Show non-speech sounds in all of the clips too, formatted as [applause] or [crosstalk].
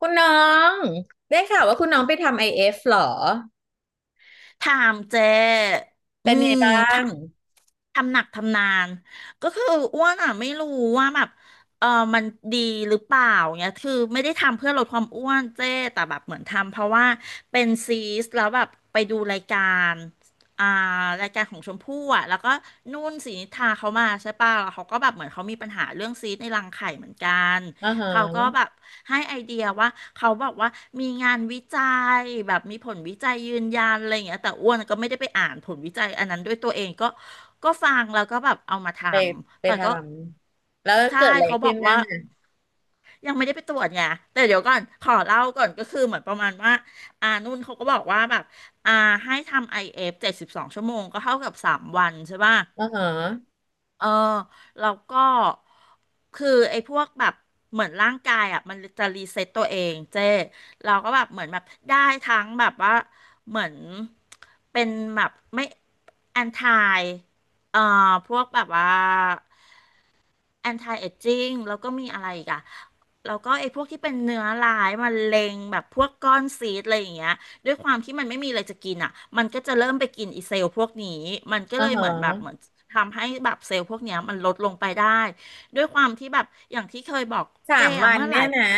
คุณน้องได้ข่าวว่าคุณน้องไปทำไอเอฟหรอถามเจอืเป็นไงมบ้าทงทำหนักทำนานก็คืออ้วนอ่ะไม่รู้ว่าแบบเออมันดีหรือเปล่าเนี่ยคือไม่ได้ทำเพื่อลดความอ้วนเจ้แต่แบบเหมือนทำเพราะว่าเป็นซีสแล้วแบบไปดูรายการอ่ารายการของชมพู่อ่ะแล้วก็นุ่นศรีนิธาเขามาใช่ป่ะแล้วเขาก็แบบเหมือนเขามีปัญหาเรื่องซีสในรังไข่เหมือนกันอ่าเขาก็ฮะแบบ ให้ไอเดียว่าเขาบอกว่ามีงานวิจัยแบบมีผลวิจัยยืนยันอะไรอย่างเงี้ยแต่อ้วนก็ไม่ได้ไปอ่านผลวิจัยอันนั้นด้วยตัวเองก็ฟังแล้วก็แบบเอามาทไปไปำแต่ทก็ำแล้วใช่เกิดอะไรเขาบขึ้อนกบ้าว่างอ่ะยังไม่ได้ไปตรวจไงแต่เดี๋ยวก่อนขอเล่าก่อนก็คือเหมือนประมาณว่านุ่นเขาก็บอกว่าแบบอ่าให้ทำไอเอฟ72ชั่วโมงก็เท่ากับ3 วันใช่ป่ะ อ่าฮะเออแล้วก็คือไอ้พวกแบบเหมือนร่างกายอ่ะมันจะรีเซ็ตตัวเองเจ้เราก็แบบเหมือนแบบได้ทั้งแบบว่าเหมือนเป็นแบบไม่แอนทายเอ่อพวกแบบว่า anti aging แล้วก็มีอะไรอีกอะแล้วก็ไอ้พวกที่เป็นเนื้อร้ายมะเร็งแบบพวกก้อนซีสอะไรอย่างเงี้ยด้วยความที่มันไม่มีอะไรจะกินอะมันก็จะเริ่มไปกินอีเซลล์พวกนี้มันก็อ่าเลยฮะเหมือนแบบเหมือนทำให้แบบเซลล์พวกเนี้ยมันลดลงไปได้ด้วยความที่แบบอย่างที่เคยบอกสาเจ้มอะวันเมื่อหเนี่ลายย นะ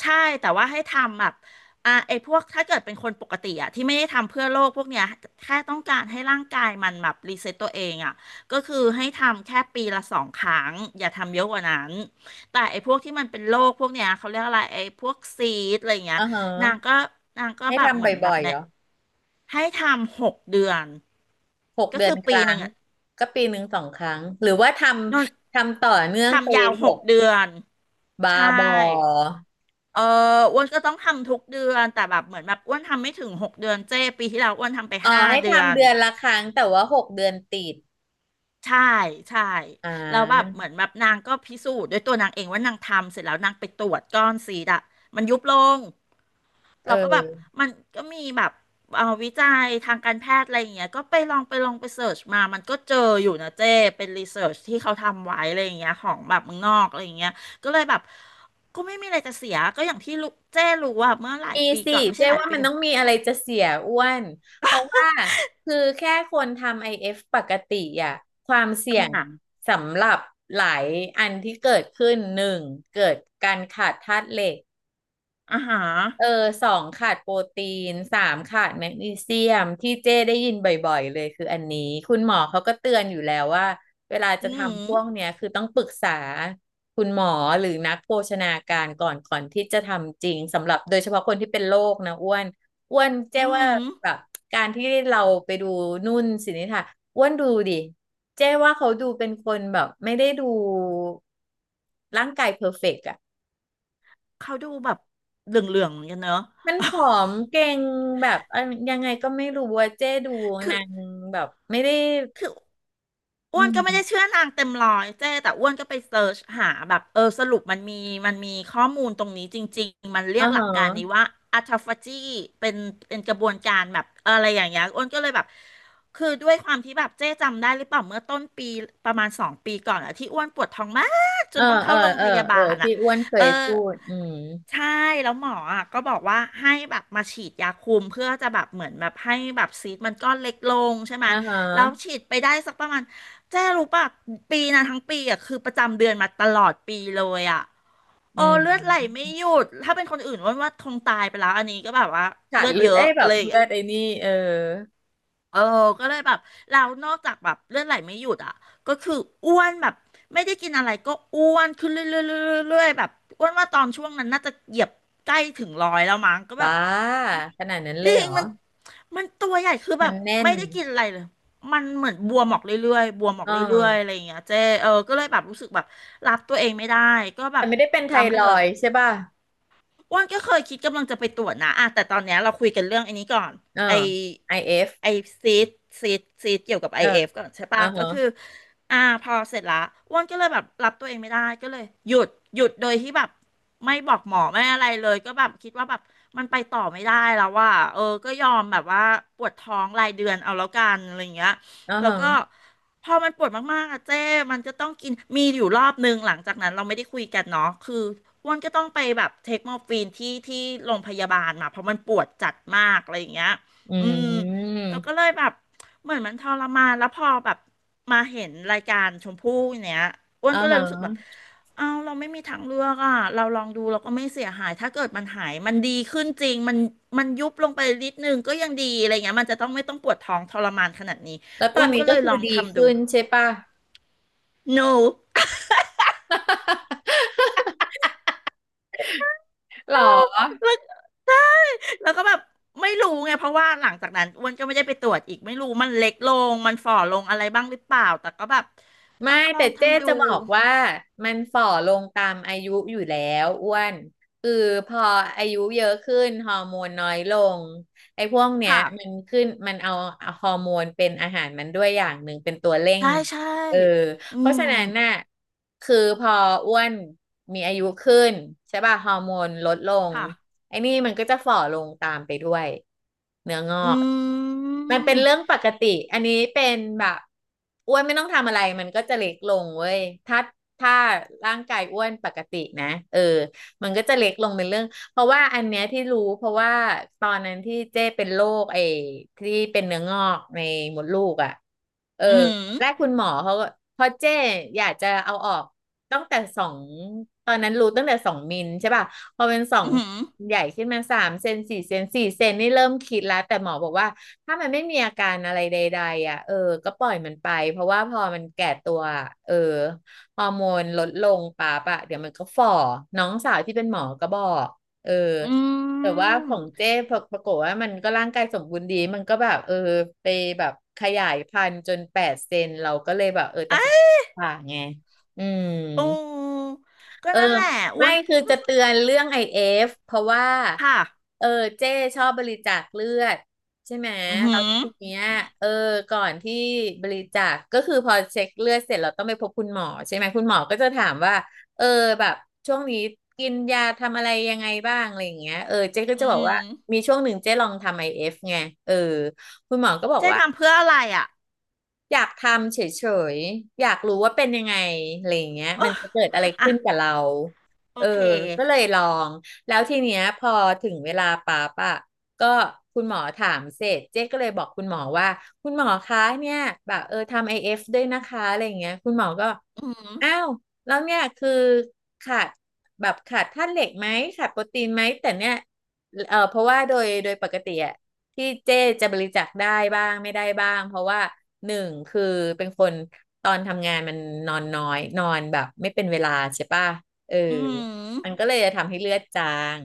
ใช่แต่ว่าให้ทำแบบไอ้พวกถ้าเกิดเป็นคนปกติอ่ะที่ไม่ได้ทำเพื่อโลกพวกเนี้ยแค่ต้องการให้ร่างกายมันแบบรีเซ็ตตัวเองอ่ะก็คือให้ทำแค่ปีละ2 ครั้งอย่าทำเยอะกว่านั้นแต่ไอ้พวกที่มันเป็นโรคพวกเนี้ยเขาเรียกอะไรไอ้พวกซีดอะไรเงี้ยอ่าฮะนางก็นางก็ให้แบบเหทำมือนแบบ่บอยๆเนี่เหรยอให้ทำหกเดือนหกก็เดือคืนอคปีรั้หนึ่งงอ่ะก็ปีหนึ่งสองครั้งหรือว่าทนนำทำต่อเนื่องไปทำยาวหหกกเดือนบาใช่ บอเอออ้วนก็ต้องทำทุกเดือนแต่แบบเหมือนแบบอ้วนทำไม่ถึงหกเดือนเจ้ปีที่แล้วอ้วนทำไปอ๋อห้าให้เดือทำนเดือนละครั้งแต่ว่าหกเดือนติดใช่ใช่อ่แล้วแบบาเหมือนแบบนางก็พิสูจน์ด้วยตัวนางเองว่านางทำเสร็จแล้วนางไปตรวจก้อนซีดอะมันยุบลงเเราก็แบบออ มันก็มีแบบเอาวิจัยทางการแพทย์อะไรอย่างเงี้ยก็ไปลองไปเสิร์ชมามันก็เจออยู่นะเจ้เป็นรีเสิร์ชที่เขาทำไว้อะไรอย่างเงี้ยของแบบเมืองนอกอะไรอย่างเงี้ยก็เลยแบบก็ไม่มีอะไรจะเสียก็อย่างที่ลูกเจ้รู้ว่าเมื่อหลายมีปีสิก่อนไม่ใช่เจ๊หลายว่าปีมันก่อต้น องมีอะไรจะเสียอ้วนเพราะว่าคือแค่คนทำ IF ปกติอ่ะความอ่เสี่ยงาสำหรับหลายอันที่เกิดขึ้นหนึ่งเกิดการขาดธาตุเหล็ก อาฮะเออาสองขาดโปรตีนสามขาดแมกนีเซียมที่เจ้ได้ยินบ่อยๆเลยคืออันนี้คุณหมอเขาก็เตือนอยู่แล้วว่าเวลาอืจะม ทำพวกเนี้ยคือต้องปรึกษาคุณหมอหรือนักโภชนาการก่อนก่อนที่จะทำจริงสำหรับโดยเฉพาะคนที่เป็นโรคนะอ้วนอ้วนเจ้อืว่าม แบบการที่เราไปดูนุ่นสินิธาอ้วนดูดิเจ้ว่าเขาดูเป็นคนแบบไม่ได้ดูร่างกายเพอร์เฟกต์อะ เขาดูแบบเหลืองๆเหมือนกันเนอะ มันผอม [laughs] เก่งแบบอันยังไงก็ไม่รู้ว่าเจ๊ดูคือ นางแบบไม่ได้คืออือ้วนก็ไม่ได้มเชื่อนางเต็มร้อยเจ้แต่อ้วนก็ไปเซิร์ชหาแบบสรุปมันมีข้อมูลตรงนี้จริงๆมันเรียอ่ากหลัฮะกการนี้ว่าอัตฟาจีเป็นเป็นกระบวนการแบบอะไรอย่างเงี้ยอ้วนก็เลยแบบคือด้วยความที่แบบเจ๊จำได้หรือเปล่าเมื่อต้นปีประมาณ2 ปีก่อนอะที่อ้วนปวดท้องมากจเอนอต้องเอเข้าอโรงเอพอยาเอบาอลที่อะอ้วนเคเออ ยพูดอืมใช่แล้วหมออ่ะก็บอกว่าให้แบบมาฉีดยาคุมเพื่อจะแบบเหมือนแบบให้แบบซีสต์มันก้อนเล็กลงใช่ไหมอ่าฮแล้วะฉีดไปได้สักประมาณเจ๊รู้ป่ะปีนะทั้งปีอ่ะคือประจำเดือนมาตลอดปีเลยอ่ะอืโอ้เลือดไหลไม่มหยุดถ้าเป็นคนอื่นว่าว่าคงตายไปแล้วอันนี้ก็แบบว่าขาเลืดอดเลือเยดอะเอ้ยแบอะบไรอย่างเลเลือย ดไอ้นี่เออเออก็เลยแบบเรานอกจากแบบเลือดไหลไม่หยุดอ่ะก็คืออ้วนแบบไม่ได้กินอะไรก็อ้วนขึ้นเรื่อยๆเรื่อยๆแบบอ้วนว่าตอนช่วงนั้นน่าจะเหยียบใกล้ถึงร้อยแล้วมั้งก็แบบ้าบขนาดนั้นเลจยริเหรงอมันตัวใหญ่คือแบมันบแน่นไม่ได้กินอะไรเลยมันเหมือนบวมออกเรื่อยๆบวมอออ๋กอเรื่อยๆอะไรอย่างเงี้ยเจ๊ก็เลยแบบรู้สึกแบบรับตัวเองไม่ได้ก็แบแต่บไม่ได้เป็นไทจำไปรเลอย ยด์ใช่ป่ะอ้วนก็เคยคิดกำลังจะไปตรวจนะอ่ะแต่ตอนเนี้ยเราคุยกันเรื่องไอันนี้ก่อนเออ ไอ IF เอไอฟซีดซีดซีดเกี่ยวกับไอเออเอฟก่อนใช่ปะอ่าก็ฮะคืออ่าพอเสร็จละอ้วนก็เลยแบบรับตัวเองไม่ได้ก็เลยหยุดหยุดโดยที่แบบไม่บอกหมอไม่อะไรเลยก็แบบคิดว่าแบบมันไปต่อไม่ได้แล้วว่าเออก็ยอมแบบว่าปวดท้องรายเดือนเอาแล้วกันอะไรอย่างเงี้ยอ่าแล้วฮะก็ พอมันปวดมากๆอะเจ้มันจะต้องกินมีอยู่รอบนึงหลังจากนั้นเราไม่ได้คุยกันเนาะคืออ้วนก็ต้องไปแบบเทคมอร์ฟีนที่โรงพยาบาลมาเพราะมันปวดจัดมากอะไรอย่างเงี้ยอือืมมแล้วก็เลยแบบเหมือนมันทรมานแล้วพอแบบมาเห็นรายการชมพู่เนี้ยอ้วนอ่าก็เลยฮะรู้สึกแบบเอาเราไม่มีทางเลือกอ่ะเราลองดูเราก็ไม่เสียหายถ้าเกิดมันหายมันดีขึ้นจริงมันมันยุบลงไปนิดนึงก็ยังดีอะไรเงี้ยมันจะต้องไม่ต้องปวดท้องทรมานขนาดนี้แล้วตอ้อวนนนี้ก็เลก็ยคืลอองดีทำดู ขึ้นใช่ป่ะ หนูหรแล้อวใช่ แล้วก็แบบไม่รู้ไงเพราะว่าหลังจากนั้นอ้วนก็ไม่ได้ไปตรวจอีกไม่รู้มันเล็กลงมันฝ่อลงอะไรบ้างหรือเปล่าแต่ก็แบบเอไม่อลอแต่งเจ๊ทำดูจะบอกว่ามันฝ่อลงตามอายุอยู่แล้วอ้วนคือพออายุเยอะขึ้นฮอร์โมนน้อยลงไอ้พวกเนี้ยมันค่ะขึ้นมันเอาฮอร์โมนเป็นอาหารมันด้วยอย่างหนึ่งเป็นตัวเร่งใช่ใช่เออ อืเพราะมฉะนั้นน่ะคือพออ้วนมีอายุขึ้นใช่ป่ะฮอร์โมนลดลงค่ะไอ้นี่มันก็จะฝ่อลงตามไปด้วยเนื้องออืกมันเป็นเรื่องมปกติอันนี้เป็นแบบอ้วนไม่ต้องทำอะไรมันก็จะเล็กลงเว้ยถ้าถ้าร่างกายอ้วนปกตินะเออมันก็จะเล็กลงเป็นเรื่องเพราะว่าอันเนี้ยที่รู้เพราะว่าตอนนั้นที่เจ้เป็นโรคไอ้ที่เป็นเนื้องอกในมดลูกอ่ะเออ อืมแรกคุณหมอเขาก็พราะเจ้อยากจะเอาออกตั้งแต่สองตอนนั้นรู้ตั้งแต่สองมิลใช่ป่ะพอเป็นสองอืมใหญ่ขึ้นมาสามเซนสี่เซนสี่เซนนี่เริ่มคิดแล้วแต่หมอบอกว่าถ้ามันไม่มีอาการอะไรใดๆอ่ะเออ ก็ปล่อยมันไปเพราะว่าพอมันแก่ตัวอะเออฮอร์โมนลดลงปั๊ปอะเดี๋ยวมันก็ฝ่อน้องสาวที่เป็นหมอก็บอกเออ อืแต่ว่ามของเจ้ปรปรากฏว่ามันก็ร่างกายสมบูรณ์ดี มันก็แบบเออไปแบบขยายพันธุ์จนแปดเซนเราก็เลยแบบเออตัดสินใจผ่าไง อืม โอ้ก็เออนั่นแหละอ้ไม่วนคือก็แบจะบเตือนเรื่องไอเอฟเพราะว่าค่ะเออเจ้ชอบบริจาคเลือดใช่ไหมอือแล้หืวอทีเนี้ยอืมเออก่อนที่บริจาคก็คือพอเช็คเลือดเสร็จเราต้องไปพบคุณหมอใช่ไหมคุณหมอก็จะถามว่าเออแบบช่วงนี้กินยาทำอะไรยังไงบ้างอะไรอย่างเงี้ยเออเจ๊ก็อืจะบอกว่ามมีช่วงหนึ่งเจ๊ลองทำไอเอฟไงเออคุณหมอก็บอกเจ๊ว่า ทำเพื่ออะไรอ่ะอยากทำเฉยๆ อยากรู้ว่าเป็นยังไงอะไรอย่างเงี้ยมัโอะนจะเกิดอะไรอ่ะขึ้นกับเรา โอเออ เค ก็เลยลอง แล้วทีเนี้ยพอถึงเวลาปั๊บอะ ก็คุณหมอถามเสร็จเจ๊ก็เลยบอกคุณหมอว่าคุณหมอคะเนี่ยแบบเออทำไอเอฟด้วยนะคะอะไรอย่างเงี้ยคุณหมอก็อืมอ้าวแล้วเนี่ยคือขาดแบบขาดธาตุเหล็กไหมขาดโปรตีนไหมแต่เนี่ยเออเพราะว่าโดยปกติอะที่เจ๊จะบริจาคได้บ้างไม่ได้บ้างเพราะว่าหนึ่งคือเป็นคนตอนทำงานมันนอนน้อยนอนแบบไม่เป็นเวลาใช่ป่ะเอออืมมันก็เลยจะทำให้เลือดจาง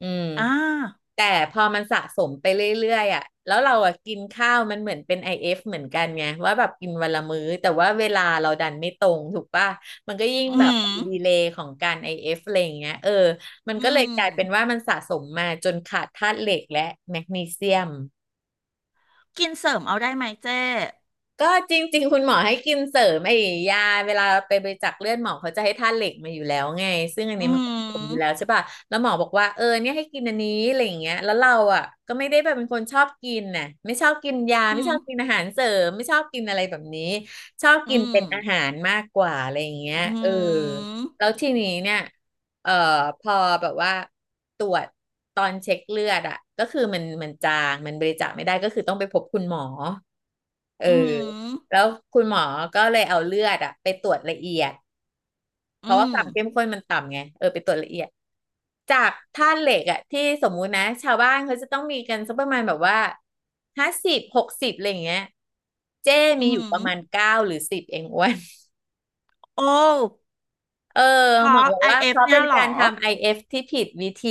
อืม อ่าแต่พอมันสะสมไปเรื่อยๆอ่ะแล้วเราอ่ะกินข้าวมันเหมือนเป็น IF เอฟเหมือนกันไงว่าแบบกินวันละมื้อแต่ว่าเวลาเราดันไม่ตรงถูกป่ะมันก็ยิ่งอืแบบมดีเลย์ของการ IF อเอฟอะไรอย่างเงี้ยเออมันอืก็เลยมกลายเป็นว่ามันสะสมมาจนขาดธาตุเหล็กและแมกนีเซียม กินเสริมเอาได้ไหมเจ้ก็จริงๆคุณหมอให้กินเสริมไอ้ยาเวลาไปบริจาคเลือดหมอเขาจะให้ธาตุเหล็กมาอยู่แล้วไงซึ่งอันอืนี้มันก็ผสมอยู่แล้วมใช่ป่ะแล้วหมอบอกว่าเออเนี่ยให้กินอันนี้อะไรอย่างเงี้ยแล้วเราอ่ะก็ไม่ได้แบบเป็นคนชอบกินน่ะไม่ชอบกินยาไม่อืชมอบกินอาหารเสริมไม่ชอบกินอะไรแบบนี้ชอบอืกินเป็นมอาหารมากกว่าอะไรอย่างเงี้ยอืเออมแล้วทีนี้เนี่ยเอ่อพอแบบว่าตรวจตอนเช็คเลือดอ่ะก็คือมันจางมันบริจาคไม่ได้ก็คือต้องไปพบคุณหมอเออ อืแล้มวคุณหมอก็เลยเอาเลือดอะไปตรวจละเอียดเพอืราะว่าคมวามเข้มข้นมันต่ำไงเออไปตรวจละเอียดจากธาตุเหล็กอะที่สมมุตินะชาวบ้านเขาจะต้องมีกันสักประมาณแบบว่า50 60อะไรอย่างเงี้ยเจ้อืมีอยู่ปมระมาณ9 หรือ 10เองอ้วนโอ้เออเพหมอราะ บอกว่า IF เอฟเขาเนี่เป็ยนเหรอการทำ IF ที่ผิดวิธี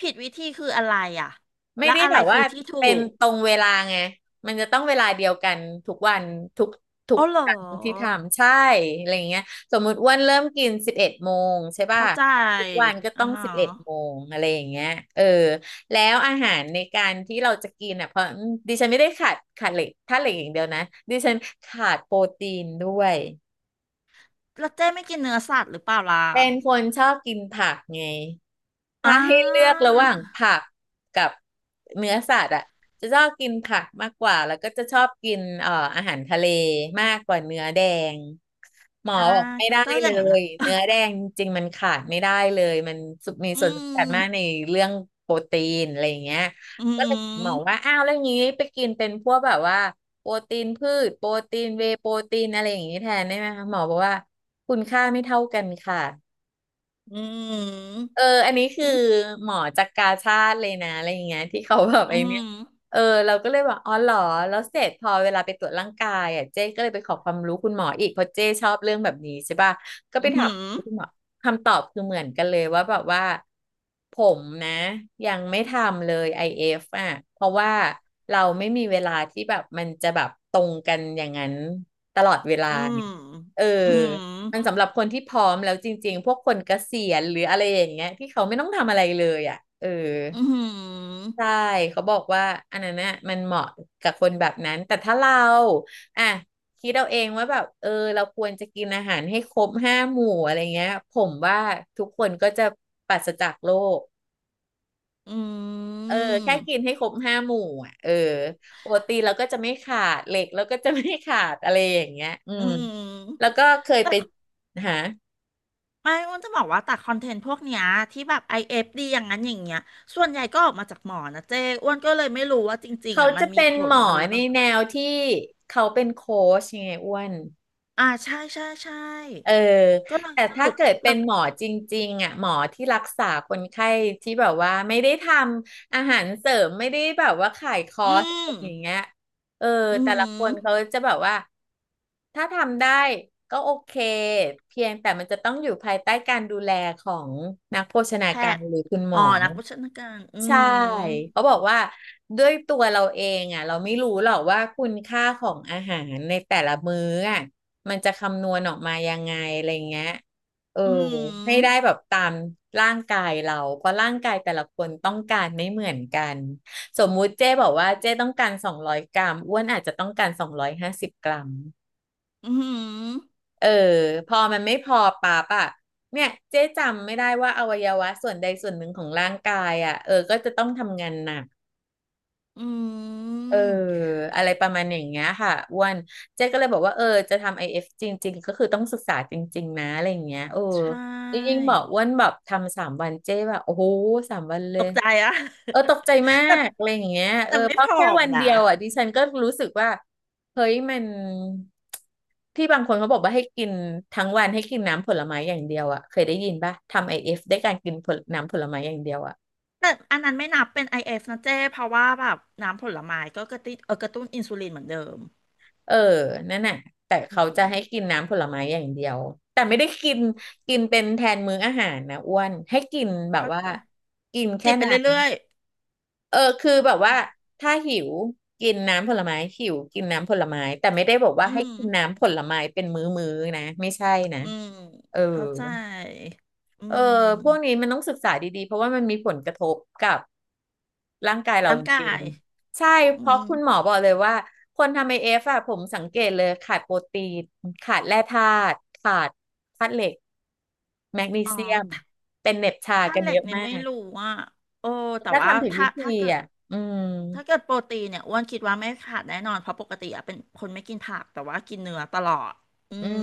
ผิดวิธีคืออะไรอ่ะไม่และได้อะแบไรบคืว่าอที่เป็ถูนกตรงเวลาไงมันจะต้องเวลาเดียวกันทุกวันทุกทุกโอ้เหรอครั้งที่ทำใช่อะไรเงี้ยสมมุติอ้วนเริ่มกินสิบเอ็ดโมงใช่ป่ะเข้าใจทุกวันก็อ่าต้องฮะสิบเอ็ดโมงอะไรอย่างเงี้ยเออแล้วอาหารในการที่เราจะกินอ่ะเพราะดิฉันไม่ได้ขาดเหล็กถ้าเหล็กอย่างเดียวนะดิฉันขาดโปรตีนด้วยแล้วเจ้ไม่กินเนื้อสัตว์หรือเปล่าล่ะเป็นคนชอบกินผักไง ถ้าอ่ให้เลือการะหว่างผักกับเนื้อสัตว์อ่ะจะชอบกินผักมากกว่าแล้วก็จะชอบกินอาหารทะเลมากกว่าเนื้อแดงหมออ่าบอกไม่ได้ก็อเลย่างนั้นยนะเนื้อแดงจริงๆมันขาดไม่ได้เลยมันมีอืส่วนสำคัญมากในมเรื่องโปรตีนอะไรอย่างเงี้ยอืก็เลยหมอว่าม อ้าวแล้วอย่างนี้ไปกินเป็นพวกแบบว่าโปรตีนพืชโปรตีนเวย์โปรตีนอะไรอย่างนี้แทนได้ไหมคะหมอบอกว่าคุณค่าไม่เท่ากันค่ะ อืม เอออันนี้คือหมอจากกาชาติเลยนะอะไรอย่างเงี้ยที่เขาแบบอืไอ้เนี่ยม เออเราก็เลยบอกอ๋อเหรอแล้วเสร็จพอเวลาไปตรวจร่างกายอ่ะเจ๊ก็เลยไปขอความรู้คุณหมออีกเพราะเจ๊ชอบเรื่องแบบนี้ใช่ป่ะก็อืไปม ถามคุณหมอคำตอบคือเหมือนกันเลยว่าแบบว่าผมนะยังไม่ทำเลยไอ f อฟอ่ะเพราะว่าเราไม่มีเวลาที่แบบมันจะแบบตรงกันอย่างนั้นตลอดเวลาอืม ไงเออ อืม มันสำหรับคนที่พร้อมแล้วจริงๆพวกคนเกษียณหรืออะไรอย่างเงี้ยที่เขาไม่ต้องทำอะไรเลยอ่ะเอออืมใช่เขาบอกว่าอันนั้นน่ะมันเหมาะกับคนแบบนั้นแต่ถ้าเราอ่ะคิดเอาเองว่าแบบเออเราควรจะกินอาหารให้ครบห้าหมู่อะไรเงี้ยผมว่าทุกคนก็จะปราศจากโรคอืเออแค่กินมให้ครบห้าหมู่อ่ะเออโปรตีนเราก็จะไม่ขาดเหล็กเราก็จะไม่ขาดอะไรอย่างเงี้ยอือืมแล้วมก็เคยไปแต่หา ไม่อ้วนจะบอกว่าแต่คอนเทนต์พวกเนี้ยที่แบบ IFD อเอฟดีอย่างนั้นอย่างเงี้ยส่วนใหญ่ก็ออกมาจากหมอนะเจ้อ้วนก็เลยไม่รู้ว่าจริงๆเขาอ่ะมัจะนมีเป็นผหลมออะไรหรือเปในล่าแนวที่เขาเป็นโค้ชยังไงอ้วนใช่เออก็เลยแต่สถ้ารุปเกิดเป็แล้นวหมอจริงๆอ่ะหมอที่รักษาคนไข้ที่แบบว่าไม่ได้ทำอาหารเสริมไม่ได้แบบว่าขายคออืร์สมอะไรอย่างเงี้ยเอออืแต่มละคนเขาจะแบบว่าถ้าทำได้ก็โอเคเพียงแต่มันจะต้องอยู่ภายใต้การดูแลของนักโภชนาแพการทย์หรือคุณหมอ๋ออ นักโภชนาการอืใช่มเขาบอกว่าด้วยตัวเราเองอ่ะเราไม่รู้หรอกว่าคุณค่าของอาหารในแต่ละมื้ออ่ะมันจะคำนวณออกมายังไงอะไรเงี้ยเอออืให้มได้แบบตามร่างกายเราเพราะร่างกายแต่ละคนต้องการไม่เหมือนกันสมมุติเจ้บอกว่าเจ้ต้องการ200 กรัมอ้วนอาจจะต้องการ250 กรัมอืม เออพอมันไม่พอปั๊บอ่ะเนี่ยเจ๊จำไม่ได้ว่าอวัยวะส่วนใดส่วนหนึ่งของร่างกายอ่ะเออก็จะต้องทำงานหนัก อืเออมอะไรประมาณอย่างเงี้ยค่ะอ้วนเจ๊ก็เลยบอกว่าเออจะทำไอเอฟจริงๆก็คือต้องศึกษาจริงๆนะอะไรอย่างเงี้ยเออใชยิ่ง่ๆบอกอ้วนแบบทำสามวันเจ๊แบบโอ้โหสามวันเลตยกใจอะ เออตกใจมา [laughs] แต่กอะไรอย่างเงี้ยเออแต่ไม่เพผราะอแค่มวันนะเดียวอ่ะดิฉันก็รู้สึกว่าเฮ้ยมันที่บางคนเขาบอกว่าให้กินทั้งวันให้กินน้ำผลไม้อย่างเดียวอ่ะเคยได้ยินป่ะทำไอเอฟได้การกินผลน้ำผลไม้อย่างเดียวอ่ะ แต่อันนั้นไม่นับเป็น IF นะเจ้เพราะว่าแบบน้ำผลไม้ก็กระตุ้นเออกระตุ้นอินซูลินเหมือนเดิมเออนั่นน่ะแต่อืเขาจะให้มกินน้ำผลไม้อย่างเดียว แต่ไม่ได้กิน กินเป็นแทนมื้ออาหารนะอ้วนให้กินแบบเข้าว่าใจกินแค่จิบไปน้เรื่อยำเออคือแบบๆอืว่ามถ้าหิวกินน้ำผลไม้หิวกินน้ำผลไม้แต่ไม่ได้บอกว่าอืให้มกินน้ำผลไม้เป็นมื้อๆนะไม่ใช่นะอืมเออ เข้าใจอืเออพวกนี้มมันต้องศึกษาดีๆ เพราะว่ามันมีผลกระทบกับร่างกายเราร่างจการิงยๆใช่อืเพราะมคุณหมอบอกเลยว่าคนทำไอเอฟอะผมสังเกตเลยขาดโปรตีนขาดแร่ธาตุขาดธาตุเหล็กแมกนีอ๋อเซียมถ้าเป็นเหน็บชาถ้ากันเหล็เยกอะเนี่ยมาไม่กรู้อ่ะโอ้แต่ถ้าว่าทำผิดถ้าวิธีถ้าเกิด อะอืมถ้าเกิดโปรตีนเนี่ยอ้วนคิดว่าไม่ขาดแน่นอนเพราะปกติอะเป็นคนไม่กินผักแต่ว่ากินเนื้อตลอดอือืมม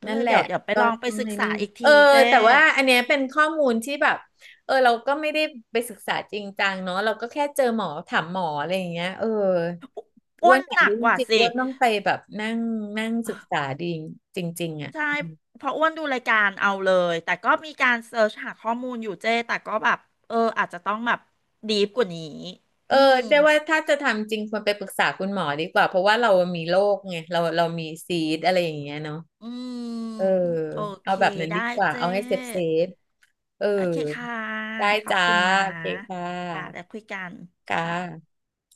ก็นั่เลนยแหละเดี๋ยวไปก็ลองไปต้องศึกให้ษานี่อีกเอทีอเจ้แต่ว่าอันเนี้ยเป็นข้อมูลที่แบบเออเราก็ไม่ได้ไปศึกษาจริงจังเนาะเราก็แค่เจอหมอถามหมออะไรอย่างเงี้ยเอออ้อ้ววนนอยาหกนัรู้กจกว่าริงๆสิอ้วนต้องไปแบบนั่งนั่งเอศึอกษาดีจริงๆอ่ะใช่เพราะอ้วนดูรายการเอาเลยแต่ก็มีการเสิร์ชหาข้อมูลอยู่เจ้แต่ก็แบบเอออาจจะต้องแบบดีฟกว่านี้เออือมแต่ว่าถ้าจะทำจริงควรไปปรึกษาคุณหมอดีกว่าเพราะว่าเรามีโรคไงเรามีซีดอะไรอย่างเงี้ยเนาะอืมเออโอเคเอาแบบนั้นได้ดีกว่าเจ้เอาให้เซฟเออโอเคค่ะได้ขอบจ้าคุณนะโอเคค่อ่าแล้วะคุยกันค่ะค่ะ